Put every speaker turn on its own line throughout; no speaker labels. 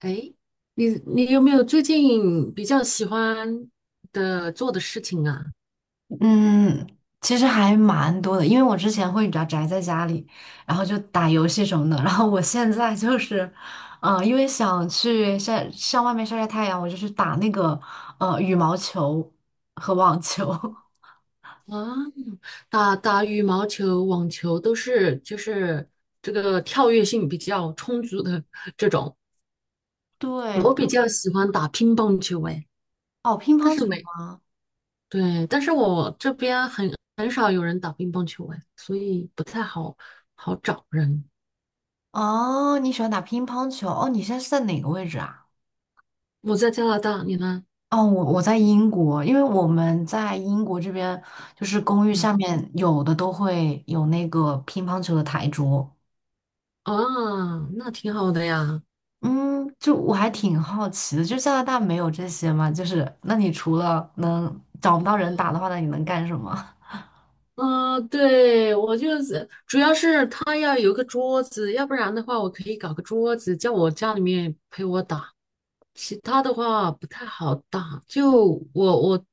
哎，你有没有最近比较喜欢的做的事情啊？
嗯，其实还蛮多的，因为我之前会比较宅在家里，然后就打游戏什么的。然后我现在就是，因为想去晒上外面晒晒太阳，我就去打那个羽毛球和网球。
啊，打打羽毛球、网球都是就是这个跳跃性比较充足的这种。
对，
我比较喜欢打乒乓球，哎，
哦，乒
但
乓
是
球
没，
吗？
对，但是我这边很少有人打乒乓球，哎，所以不太好找人。
哦，你喜欢打乒乓球？哦，你现在是在哪个位置啊？
我在加拿大，你呢？
哦，我在英国，因为我们在英国这边就是公寓
嗯，
下面有的都会有那个乒乓球的台桌。
啊，那挺好的呀。
嗯，就我还挺好奇的，就加拿大没有这些吗？就是那你除了能找不到人打的话，那你能干什么？
嗯，对，我就是主要是他要有个桌子，要不然的话，我可以搞个桌子，叫我家里面陪我打。其他的话不太好打，就我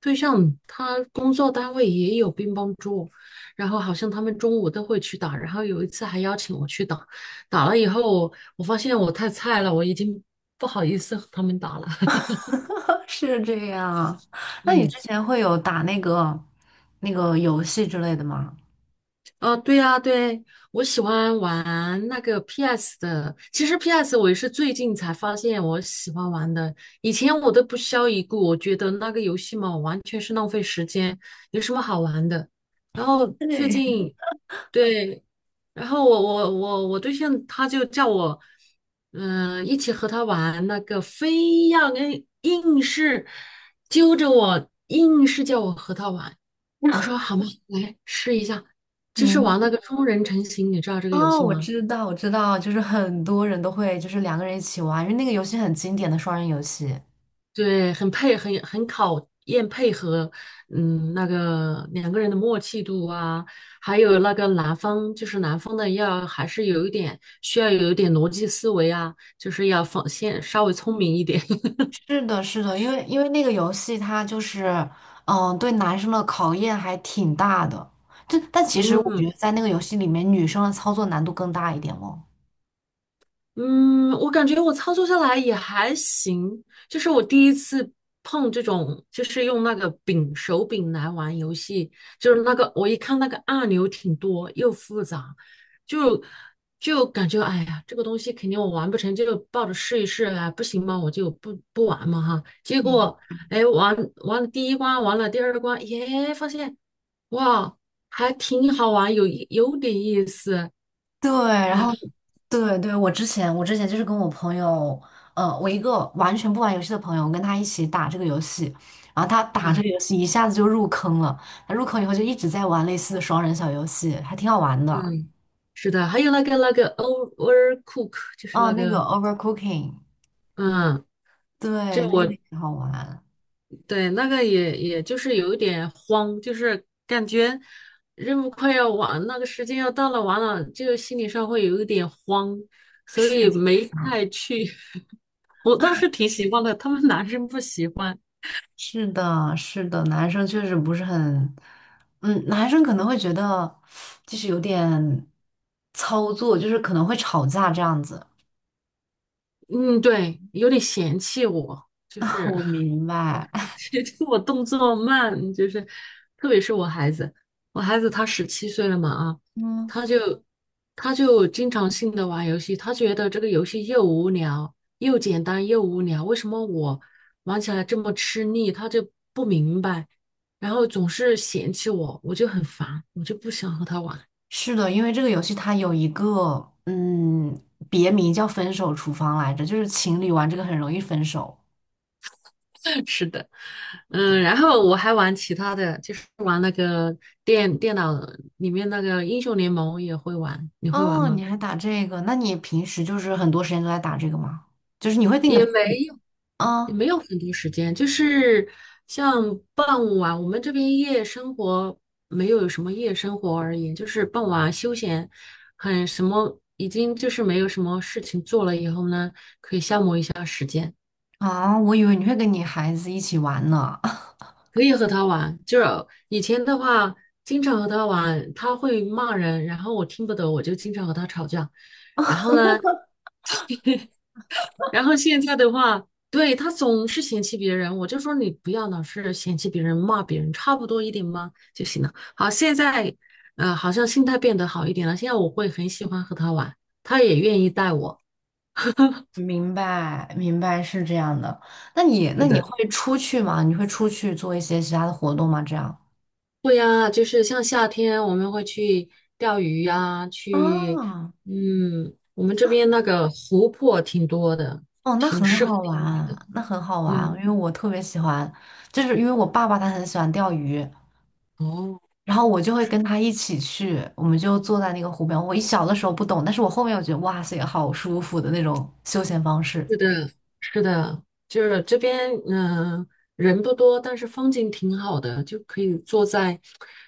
对象他工作单位也有乒乓桌，然后好像他们中午都会去打，然后有一次还邀请我去打，打了以后我发现我太菜了，我已经不好意思和他们打了，
是这样，那你
嗯。
之前会有打那个游戏之类的吗？
哦，对呀，对，我喜欢玩那个 PS 的。其实 PS 我也是最近才发现我喜欢玩的，以前我都不屑一顾，我觉得那个游戏嘛，完全是浪费时间，有什么好玩的？然后最
对，
近，对，然后我对象他就叫我，一起和他玩那个，非要跟硬是揪着我，硬是叫我和他玩。我说好吗？来试一下，就是
明
玩那
白。
个双人成型，你知道这个游
哦，
戏
我
吗？
知道，我知道，就是很多人都会就是两个人一起玩，因为那个游戏很经典的双人游戏。
对，很配，很考验配合，嗯，那个两个人的默契度啊，还有那个男方，就是男方的要还是有一点需要有一点逻辑思维啊，就是要放先稍微聪明一点，
是的，是的，因为那个游戏它就是，嗯、对男生的考验还挺大的。就但其实我觉
嗯。
得在那个游戏里面，女生的操作难度更大一点哦。
嗯，我感觉我操作下来也还行，就是我第一次碰这种，就是用那个柄手柄来玩游戏，就是那个我一看那个按钮挺多又复杂，就就感觉哎呀，这个东西肯定我玩不成，就抱着试一试啊，不行嘛，我就不玩嘛哈。结
嗯，
果哎，玩了第一关，玩了第二关，耶，发现哇，还挺好玩，有点意思，
对，然
然
后
后
对对，我之前就是跟我朋友，呃，我一个完全不玩游戏的朋友，我跟他一起打这个游戏，然后他打这
啊。
个游戏一下子就入坑了，他入坑以后就一直在玩类似的双人小游戏，还挺好玩的。
嗯，是的，还有那个那个 overcook，就是
哦，
那
那个
个，
Overcooking，
嗯，
对，
这
那个
我
挺好玩，
对那个也就是有一点慌，就是感觉任务快要完，那个时间要到了，完了就心理上会有一点慌，所以
是。
没太去。我倒是挺喜欢的，他们男生不喜欢，
是的，是的，男生确实不是很，嗯，男生可能会觉得就是有点操作，就是可能会吵架这样子。
嗯，对，有点嫌弃我，就 是。
我明白，
其实 我动作慢，就是特别是我孩子，我孩子他十七岁了嘛啊，
嗯，
他就他就经常性的玩游戏，他觉得这个游戏又无聊又简单又无聊，为什么我玩起来这么吃力？他就不明白，然后总是嫌弃我，我就很烦，我就不想和他玩。
是的，因为这个游戏它有一个嗯别名叫“分手厨房”来着，就是情侣玩这个很容易分手。
是的，
对的。
然后我还玩其他的，就是玩那个电脑里面那个英雄联盟也会玩，你会玩
哦，
吗？
你还打这个？那你平时就是很多时间都在打这个吗？就是你会定
也
的
没有，也
啊。
没有很多时间，就是像傍晚，我们这边夜生活没有什么夜生活而言，就是傍晚休闲，很什么，已经就是没有什么事情做了以后呢，
啊，我以为你会跟你孩子一起玩呢。
可以和他玩。就是以前的话，经常和他玩，他会骂人，然后我听不懂，我就经常和他吵架。然后呢，然后现在的话，对，他总是嫌弃别人，我就说你不要老是嫌弃别人、骂别人，差不多一点嘛就行了。好，现在好像心态变得好一点了。现在我会很喜欢和他玩，他也愿意带我。
明白，明白是这样的。那你，那
是
你
的，
会出去吗？你会出去做一些其他的活动吗？这样
对呀，就是像夏天我们会去钓鱼呀，去，
啊。
我们这边那个湖泊挺多的，
哦，那
挺
很
适合
好
钓鱼
玩，
的。
那很好玩，因
嗯，
为我特别喜欢，就是因为我爸爸他很喜欢钓鱼，
哦。
然后我就会跟他一起去，我们就坐在那个湖边。我一小的时候不懂，但是我后面我觉得哇塞，好舒服的那种休闲方式。
是的，是的，就是这边，人不多，但是风景挺好的，就可以坐在，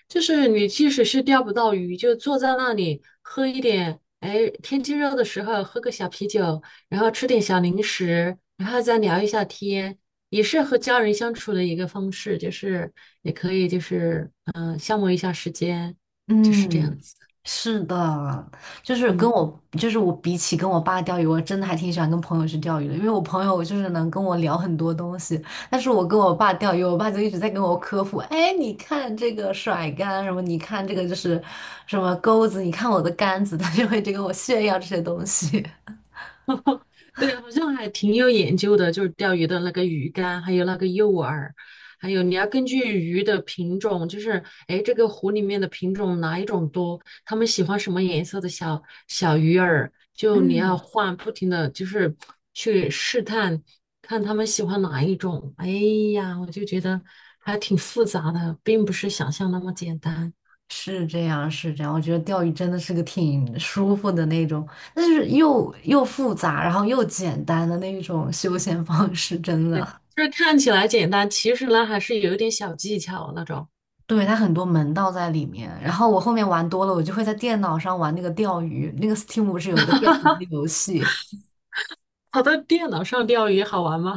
就是你即使是钓不到鱼，就坐在那里喝一点，哎，天气热的时候喝个小啤酒，然后吃点小零食，然后再聊一下天，也是和家人相处的一个方式，就是也可以就是消磨一下时间，就是这样
嗯，
子，
是的，就是跟
嗯。
我，就是我比起跟我爸钓鱼，我真的还挺喜欢跟朋友去钓鱼的，因为我朋友就是能跟我聊很多东西，但是我跟我爸钓鱼，我爸就一直在跟我科普，哎，你看这个甩竿什么，你看这个就是什么钩子，你看我的杆子，他就会一直跟我炫耀这些东西。
对，好像还挺有研究的，就是钓鱼的那个鱼竿，还有那个诱饵，还有你要根据鱼的品种，就是哎，诶这个湖里面的品种哪一种多，他们喜欢什么颜色的小小鱼饵，就你要
嗯，
换，不停的就是去试探，看他们喜欢哪一种。哎呀，我就觉得还挺复杂的，并不是想象那么简单。
是这样，是这样。我觉得钓鱼真的是个挺舒服的那种，但是又复杂，然后又简单的那一种休闲方式，真的。
就是看起来简单，其实呢还是有一点小技巧那种。
对，它很多门道在里面。然后我后面玩多了，我就会在电脑上玩那个钓鱼。那个 Steam 不是有一个钓鱼的游戏？
跑到电脑上钓鱼好玩吗？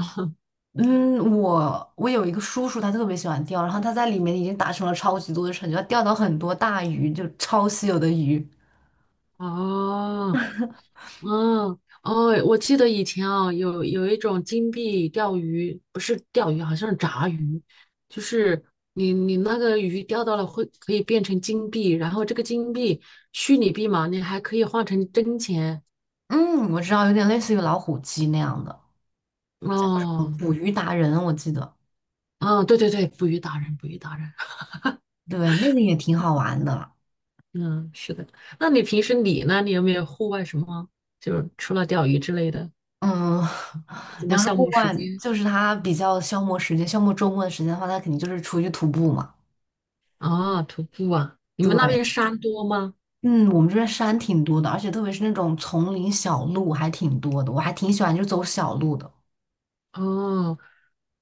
嗯，我有一个叔叔，他特别喜欢钓，然后他在里面已经达成了超级多的成就，他钓到很多大鱼，就超稀有的鱼。
哦，嗯，哦，我记得以前啊，有一种金币钓鱼，不是钓鱼，好像是炸鱼，就是你那个鱼钓到了会可以变成金币，然后这个金币虚拟币嘛，你还可以换成真钱。
嗯，我知道，有点类似于老虎机那样的，
哦，
捕鱼达人，我记得。
啊，对对对，捕鱼达人，捕鱼达人，
对，那个也挺好玩的。
嗯，是的。那你平时你呢？你有没有户外什么，就是除了钓鱼之类的，
嗯，
什
你
么
要是
消
户
磨时
外，
间？
就是他比较消磨时间，消磨周末的时间的话，他肯定就是出去徒步嘛。
啊，徒步啊，你们那
对。
边山多吗？
嗯，我们这边山挺多的，而且特别是那种丛林小路还挺多的，我还挺喜欢就走小路的。
哦，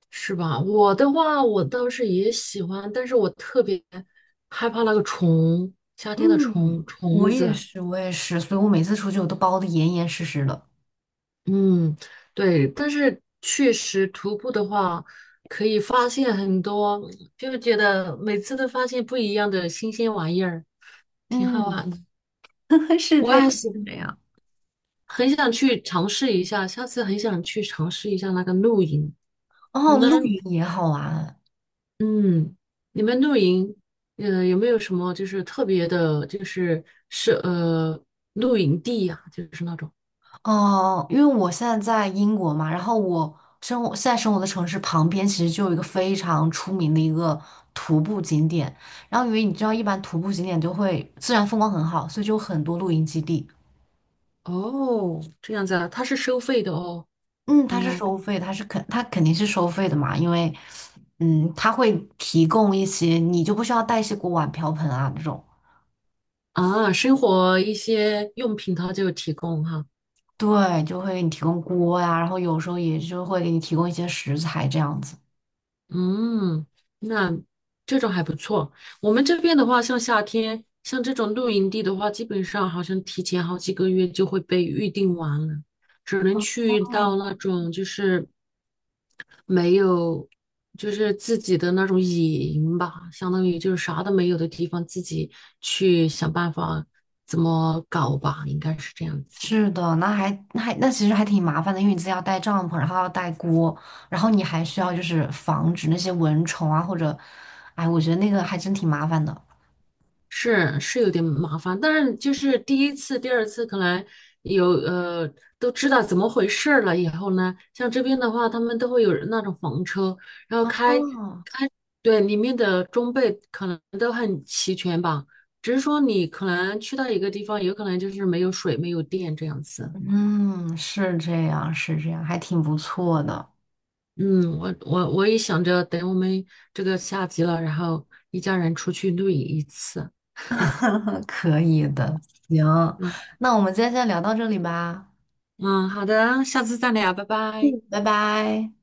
是吧？我的话，我倒是也喜欢，但是我特别害怕那个虫，夏天的
嗯，
虫虫
我也
子。
是。我也是，所以我每次出去我都包的严严实实的。
嗯，对，但是确实徒步的话，可以发现很多，就觉得每次都发现不一样的新鲜玩意儿，挺好
嗯，
玩的。
是
我
这样，
也喜欢，
是这样。
很想去尝试一下，下次很想去尝试一下那个露营。你
哦，露
们
营也好玩
嗯，你们露营，有没有什么就是特别的，就是是露营地呀、就是那种
哦，因为我现在在英国嘛，然后我生活的城市旁边其实就有一个非常出名的一个徒步景点，然后因为你知道，一般徒步景点就会自然风光很好，所以就有很多露营基地。
哦，这样子啊，它是收费的哦，
嗯，
应
它是
该
收费，它是肯，它肯定是收费的嘛，因为，嗯，它会提供一些，你就不需要带一些锅碗瓢盆啊这种，
啊，生活一些用品它就有提供哈，
对，就会给你提供锅呀、然后有时候也就会给你提供一些食材这样子。
嗯，那这种还不错。我们这边的话，像夏天，像这种露营地的话，基本上好像提前好几个月就会被预定完了，只能去到那种就是。没有，就是自己的那种野营吧，相当于就是啥都没有的地方，自己去想办法怎么搞吧，应该是这样子。
是的，那那其实还挺麻烦的，因为你自己要带帐篷，然后要带锅，然后你还需要就是防止那些蚊虫啊或者，哎，我觉得那个还真挺麻烦的。
是是有点麻烦，但是就是第一次、第二次可能有都知道怎么回事儿了以后呢，像这边的话，他们都会有那种房车，然后开
哦，
开，对，里面的装备可能都很齐全吧，只是说你可能去到一个地方，有可能就是没有水、没有电这样子嘛
嗯，是这样，是这样，还挺不错的。
嗯，我也想着等我们这个下集了，然后一家人出去露营一次。
可以的，行，
嗯
那我们今天先聊到这里吧，
嗯，好的，下次再聊，拜拜。
拜拜。